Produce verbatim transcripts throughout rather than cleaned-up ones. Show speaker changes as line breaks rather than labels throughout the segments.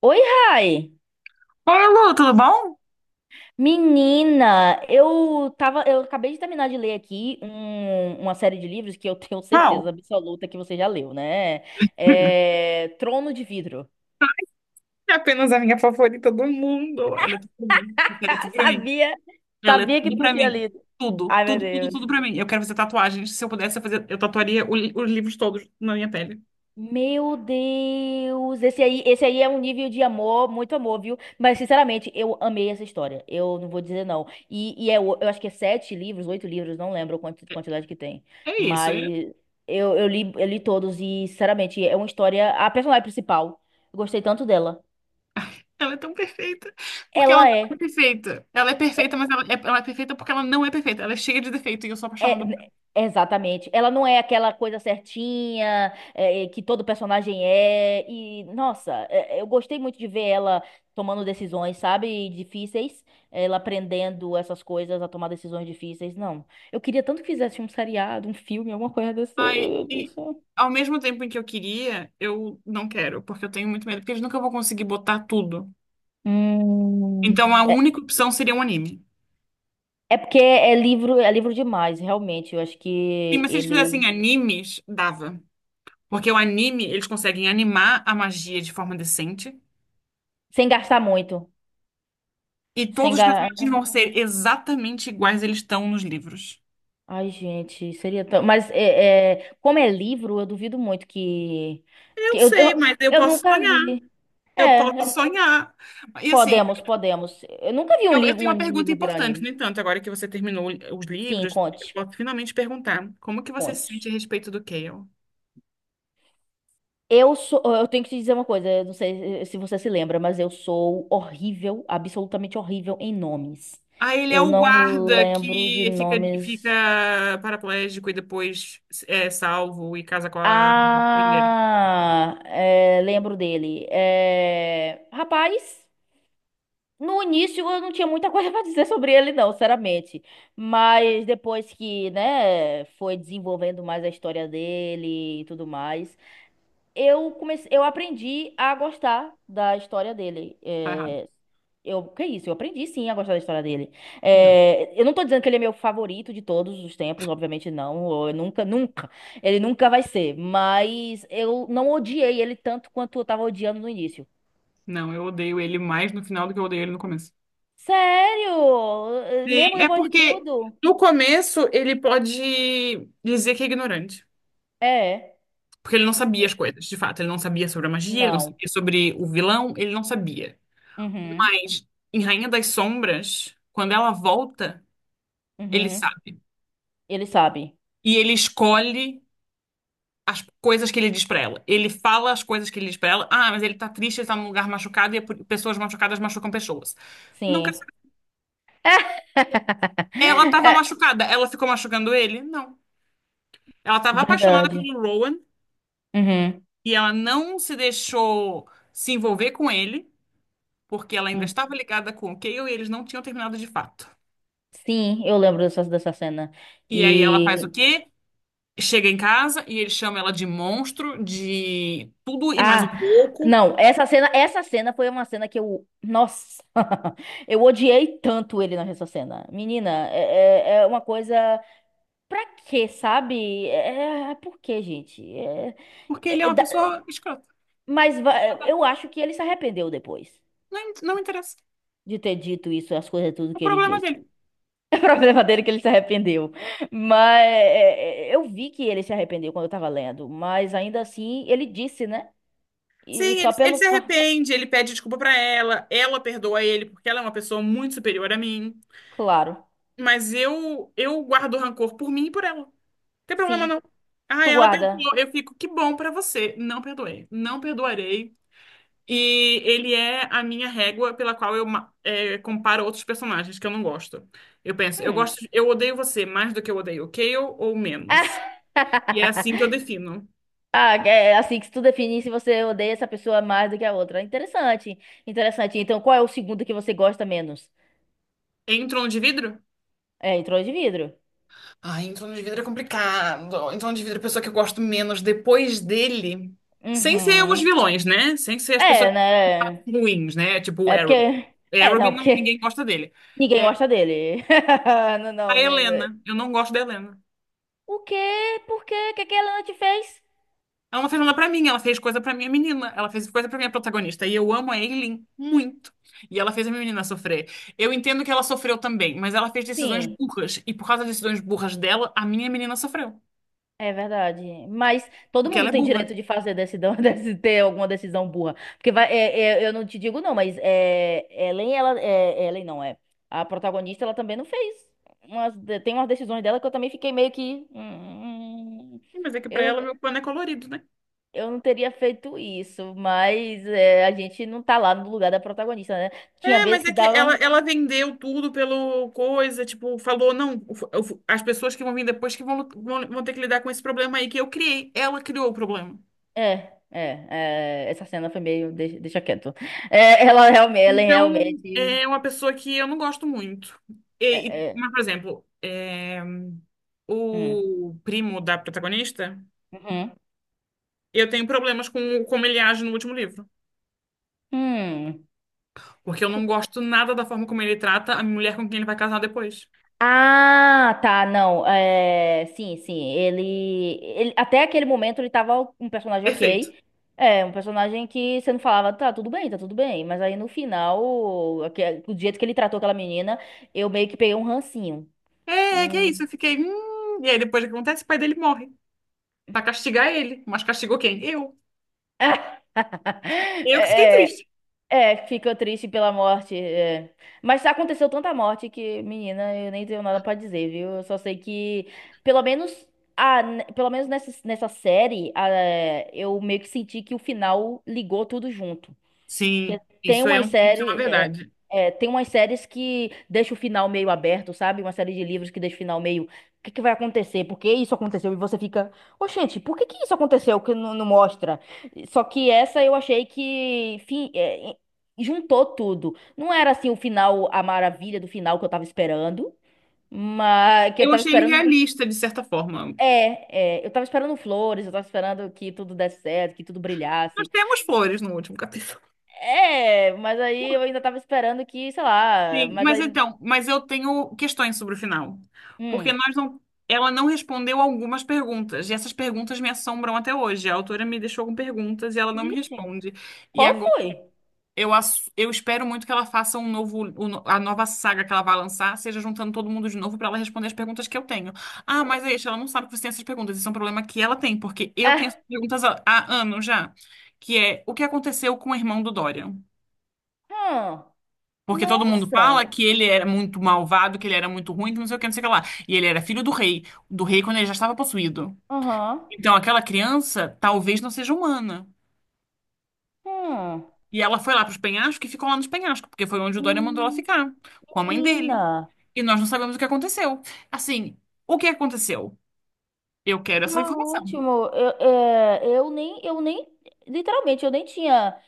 Oi, Rai!
Oi, Lu, tudo bom?
Menina, eu tava, eu acabei de terminar de ler aqui um- uma série de livros que eu tenho certeza
Qual?
absoluta que você já leu, né? É, Trono de Vidro.
É apenas a minha favorita do mundo. Ela é tudo pra mim. Ela é tudo pra mim.
Sabia,
Ela é
sabia que
tudo
tu
pra
tinha
mim.
lido.
Tudo,
Ai, meu
tudo, tudo, tudo
Deus.
pra mim. Eu quero fazer tatuagens. Se eu pudesse, eu, fazer, eu tatuaria o li- os livros todos na minha pele.
Meu Deus, esse aí, esse aí é um nível de amor, muito amor, viu? Mas, sinceramente, eu amei essa história. Eu não vou dizer não. E, e é, o- eu acho que é sete livros, oito livros, não lembro a quanti- quantidade que tem.
É isso.
Mas
É-
eu, eu li, eu li todos e, sinceramente, é uma história. A personagem principal, eu gostei tanto dela.
ela é tão perfeita. Porque ela
Ela
não é
é.
perfeita. Ela é perfeita,
é,
mas ela é, ela é perfeita porque ela não é perfeita. Ela é cheia de defeito e eu sou apaixonada por-
É, exatamente. Ela não é aquela coisa certinha, é, é, que todo personagem é. E, nossa, é, é, eu gostei muito de ver ela tomando decisões, sabe, difíceis. Ela aprendendo essas coisas a tomar decisões difíceis. Não. Eu queria tanto que fizesse um seriado, um filme, alguma coisa
ela.
desse.
Ai, e
desse-
ao mesmo tempo em que eu queria, eu não quero. Porque eu tenho muito medo. Porque eles nunca vão conseguir botar tudo.
Hum.
Então a
É,
única opção seria um anime.
é porque é livro, é livro demais, realmente. Eu acho
Sim,
que
mas se eles fizessem
ele.
animes, dava. Porque o anime, eles conseguem animar a magia de forma decente.
Sem gastar muito.
E
Sem
todos os
gastar.
personagens vão ser exatamente iguais eles estão nos livros.
Ai, gente, seria tão. Mas é, é, como é livro, eu duvido muito que.
Eu
Que eu,
sei,
eu,
mas eu
eu
posso
nunca
sonhar.
vi.
Eu
É,
posso
eu-
sonhar. E assim,
Podemos, podemos. Eu nunca vi um
eu, eu
livro,
tenho
um
uma
ani- um
pergunta
livro virar
importante.
anime.
No entanto, agora que você terminou os
Sim,
livros, eu
conte,
posso finalmente perguntar como que você se
conte.
sente a respeito do Kael?
Eu sou. Eu tenho que te dizer uma coisa, eu não sei eh, se você se lembra, mas eu sou horrível, absolutamente horrível em nomes.
Ah, ele é
Eu
o
não
guarda
lembro de
que fica,
nomes.
fica paraplégico e depois é salvo e casa com a primeira.
Ah, é, lembro dele. É, rapaz. No início eu não tinha muita coisa pra dizer sobre ele, não, sinceramente. Mas depois que, né, foi desenvolvendo mais a história dele e tudo mais, eu comecei, eu aprendi a gostar da história dele.
Tá errado.
É, eu, que isso? Eu aprendi sim a gostar da história dele.
Não,
É, eu não tô dizendo que ele é meu favorito de todos os tempos, obviamente não. Eu nunca, nunca. Ele nunca vai ser. Mas eu não odiei ele tanto quanto eu tava odiando no início.
não, eu odeio ele mais no final do que eu odeio ele no começo.
Sério?
Sim,
Mesmo
é
depois de
porque
tudo?
no começo ele pode dizer que é ignorante.
É.
Porque ele não sabia
Sim.
as coisas, de fato. Ele não sabia sobre a magia, ele não
Não.
sabia sobre o vilão, ele não sabia.
Uhum.
Mas em Rainha das Sombras, quando ela volta, ele
Uhum.
sabe.
Ele sabe.
E ele escolhe as coisas que ele diz pra ela. Ele fala as coisas que ele diz pra ela. Ah, mas ele tá triste, ele tá num lugar machucado e é por- pessoas machucadas machucam pessoas. Não quero
Sim.
saber. Ela tava
É,
machucada, ela ficou machucando ele? Não. Ela estava apaixonada
verdade.
pelo Rowan
Uhum.
e ela não se deixou se envolver com ele, porque ela ainda
Hum.
estava ligada com o Cale e eles não tinham terminado de fato.
Sim, eu lembro dessa, dessa cena.
E aí ela faz o
E.
quê? Chega em casa e ele chama ela de monstro, de tudo e mais um
Ah!
pouco,
Não, essa cena, essa cena foi uma cena que eu. Nossa! Eu odiei tanto ele nessa cena. Menina, é, é é uma coisa. Pra quê, sabe? É, é, por quê, gente? É,
porque ele é
é,
uma
dá-
pessoa escrota.
mas va- eu acho que ele se arrependeu depois
Não, não interessa.
de ter dito isso, as coisas tudo
É o
que ele
problema
disse.
dele.
É problema dele que ele se arrependeu. Mas é, é, é, eu vi que ele se arrependeu quando eu tava lendo, mas ainda assim ele disse, né? E
Sim,
só
ele, ele
pelo
se
fa-
arrepende, ele pede desculpa pra ela, ela perdoa ele porque ela é uma pessoa muito superior a mim,
Claro.
mas eu eu guardo rancor por mim e por ela. Tem problema
Sim,
não. Ah,
tu
ela
guarda.
perdoou. Eu fico, que bom pra você. Não perdoei. Não perdoarei. E ele é a minha régua pela qual eu ma- é, comparo outros personagens que eu não gosto. Eu penso, eu
Hum.
gosto, eu odeio você mais do que eu odeio o Cale ou menos. E é assim que eu defino.
Ah, é assim que se tu definir se você odeia essa pessoa mais do que a outra. Interessante, interessante. Então, qual é o segundo que você gosta menos?
Em Trono de Vidro?
É, entrou de vidro.
Ai, em Trono de Vidro é complicado. Em Trono de Vidro é a pessoa que eu gosto menos depois dele. Sem ser os
Uhum.
vilões, né? Sem ser as pessoas
É, né?
ruins, né? Tipo o
É
Arrow.
porque. É,
Arrow,
não,
não-
porque
ninguém gosta dele.
ninguém gosta dele. Não,
A
não, gente.
Helena. Eu não gosto da Helena.
O quê? Por quê? O que que a Helena te fez?
Ela não fez nada pra mim, ela fez coisa pra minha menina. Ela fez coisa pra minha protagonista. E eu amo a Aileen muito. E ela fez a minha menina sofrer. Eu entendo que ela sofreu também, mas ela fez decisões
Sim,
burras. E por causa das decisões burras dela, a minha menina sofreu.
é verdade. Mas todo
Porque
mundo
ela é
tem
burra.
direito de fazer decisão, de ter alguma decisão burra. Porque vai, é- é- eu não te digo não, mas é, Ellen, ela, é, Ellen não é. A protagonista, ela também não fez. Umas de- tem umas decisões dela que eu também fiquei meio que. "Hum,
Sim, mas é que pra
eu
ela
não,
meu pano é colorido, né?
eu não teria feito isso, mas é, a gente não tá lá no lugar da protagonista, né? Tinha
É,
vezes
mas é
que
que
dava.
ela, ela vendeu tudo pelo coisa, tipo, falou, não, o o as pessoas que vão vir depois que vão, lu- vão, vão ter que lidar com esse problema aí que eu criei. Ela criou o problema.
É, é, é, Essa cena foi meio. Deixa, deixa quieto. É, ela realmente, ela é
Então,
realmente.
é uma pessoa que eu não gosto muito.
É,
E- e-
é,
mas, por exemplo, é,
hum,
o primo da protagonista,
uhum,
eu tenho problemas com como ele age no último livro.
hum.
Porque eu não gosto nada da forma como ele trata a mulher com quem ele vai casar depois.
Ah, tá, não. É, sim, sim. Ele, ele. Até aquele momento ele tava um personagem
Perfeito.
ok. É, um personagem que você não falava, tá, tudo bem, tá tudo bem. Mas aí no final, aque- do jeito que ele tratou aquela menina, eu meio que peguei um rancinho.
É, é que é isso.
Hum.
Eu fiquei "Hum", e aí, depois o que acontece? O pai dele morre. Pra castigar ele. Mas castigou quem? Eu. Eu que fiquei
É,
triste.
é, fica triste pela morte. É. Mas aconteceu tanta morte que, menina, eu nem tenho nada pra dizer, viu? Eu só sei que, pelo menos, a, pelo menos nessa, nessa série, a- eu meio que senti que o final ligou tudo junto.
Sim,
Porque tem
isso é
umas
um, isso é
séries,
uma
é,
verdade.
é, tem umas séries que deixa o final meio aberto, sabe? Uma série de livros que deixa o final meio. O que que vai acontecer? Por que isso aconteceu? E você fica, ô gente, por que que isso aconteceu que não, não mostra? Só que essa eu achei que fi- é, juntou tudo. Não era assim o final, a maravilha do final que eu tava esperando, mas que eu
Eu
tava
achei ele
esperando.
realista, de certa forma.
É, é, eu tava esperando flores, eu tava esperando que tudo desse certo, que tudo
Nós
brilhasse.
temos flores no último capítulo.
É, mas aí eu ainda tava esperando que, sei lá,
Sim,
mas
mas
aí.
então, mas eu tenho questões sobre o final. Porque
Hum.
nós não, ela não respondeu algumas perguntas, e essas perguntas me assombram até hoje. A autora me deixou com perguntas e ela não me
Vixe,
responde. E
qual
agora
foi?
eu, ass- eu espero muito que ela faça um novo, o no- a nova saga que ela vai lançar, seja juntando todo mundo de novo para ela responder as perguntas que eu tenho. Ah, mas é isso, ela não sabe que você tem essas perguntas. Isso é um problema que ela tem, porque eu tenho
Ah,
essas perguntas há, há anos já, que é o que aconteceu com o irmão do Dorian?
hum,
Porque todo mundo fala
nossa.
que ele era muito malvado, que ele era muito ruim, que não sei o que, não sei o que lá. E ele era filho do rei, do rei quando ele já estava possuído.
Aham.
Então aquela criança talvez não seja humana.
Hum.
E ela foi lá para os penhascos e ficou lá nos penhascos, porque foi onde o Dória mandou ela
Hum,
ficar, com a mãe dele.
menina.
E nós não sabemos o que aconteceu. Assim, o que aconteceu? Eu quero essa
Tá
informação.
ótimo. Eu, é, eu nem, eu nem, literalmente, eu nem tinha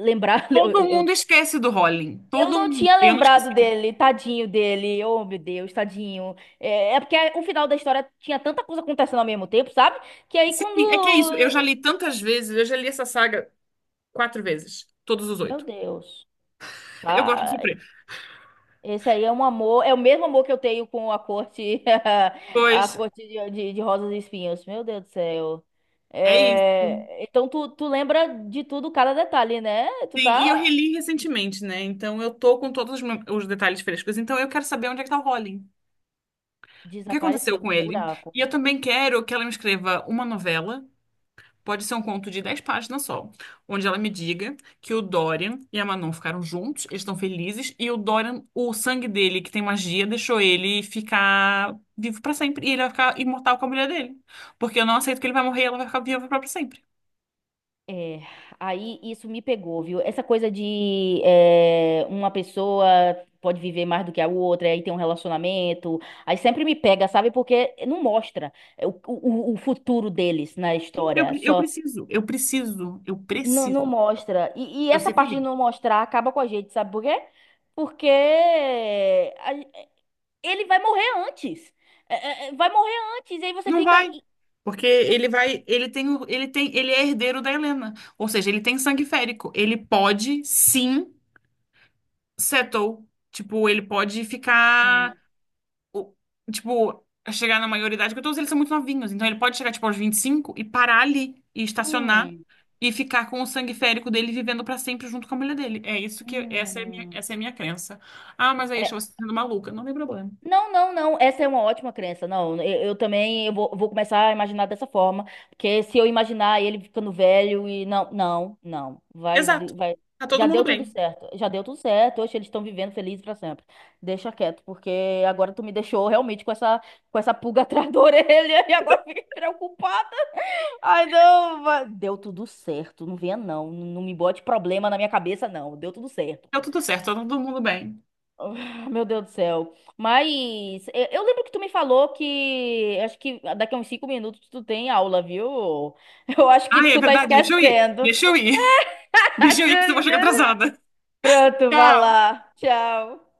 lembrado. Eu,
Todo mundo
eu,
esquece do Rowling.
eu
Todo
não
mundo.
tinha
Eu não
lembrado
esqueci.
dele, tadinho dele. Oh, meu Deus, tadinho. É, é porque o final da história tinha tanta coisa acontecendo ao mesmo tempo, sabe? Que aí
Sim,
quando
é que é isso. Eu já li tantas vezes, eu já li essa saga quatro vezes. Todos os
Meu
oito.
Deus.
Eu gosto de
Tá?
sofrer.
Esse aí é um amor, é o mesmo amor que eu tenho com a corte, a
Pois
corte de, de, de rosas e espinhos. Meu Deus do céu.
é isso.
É, então tu, tu lembra de tudo, cada detalhe, né? Tu
Sim, e eu
tá
reli recentemente, né? Então eu tô com todos os mom- os detalhes frescos. Então eu quero saber onde é que tá o Rowling. O que aconteceu
desapareceu no
com ele?
buraco.
E eu também quero que ela me escreva uma novela, pode ser um conto de dez páginas só, onde ela me diga que o Dorian e a Manon ficaram juntos, eles estão felizes, e o Dorian, o sangue dele, que tem magia, deixou ele ficar vivo pra sempre. E ele vai ficar imortal com a mulher dele. Porque eu não aceito que ele vai morrer e ela vai ficar viva pra sempre.
É, aí isso me pegou, viu? Essa coisa de é, uma pessoa pode viver mais do que a outra, aí tem um relacionamento, aí sempre me pega, sabe? Porque não mostra o, o, o futuro deles na
Eu,
história,
pre- eu
só.
preciso, eu preciso, eu
Não,
preciso.
não mostra. E, e
Eu
essa
ser
parte de
feliz.
não mostrar acaba com a gente, sabe por quê? Porque a- ele vai morrer antes. É, é, é, Vai morrer antes. E aí você
Não
fica.
vai.
E,
Porque
e
ele
o-
vai, ele tem, o- ele tem, ele é herdeiro da Helena. Ou seja, ele tem sangue férico. Ele pode, sim, settle. Tipo, ele pode ficar,
hum,
o- tipo, chegar na maioridade, porque todos eles são muito novinhos. Então ele pode chegar, tipo, aos vinte e cinco e cinco e parar ali, e estacionar,
hum,
e ficar com o sangue férico dele vivendo pra sempre junto com a mulher dele. É isso que, essa é a minha,
hum.
essa é a minha crença. Ah, mas aí, acho você tá sendo maluca. Não tem problema.
Não, não, não. Essa é uma ótima crença. Não, eu, eu também eu vou, vou começar a imaginar dessa forma, porque se eu imaginar ele ficando velho e não, não, não, vai,
Exato.
de- vai.
Tá todo
Já
mundo
deu tudo
bem.
certo. Já deu tudo certo. Hoje eles estão vivendo felizes pra sempre. Deixa quieto, porque agora tu me deixou realmente com essa com essa pulga atrás da orelha e agora eu fiquei preocupado. Ai, não, vai- deu tudo certo. Não venha não, não me bote problema na minha cabeça não. Deu tudo certo.
Deu tudo certo, tá todo mundo bem.
Ah, meu Deus do céu. Mas eu eu lembro que tu me falou que acho que daqui a uns cinco minutos tu tem aula, viu? Eu acho que
Ai, é
tu tá
verdade, deixa eu ir.
esquecendo.
Deixa eu ir.
Acho
Deixa eu
que tu
ir que você vai chegar
esquece.
atrasada.
Pronto, vai
Tchau.
lá. Tchau.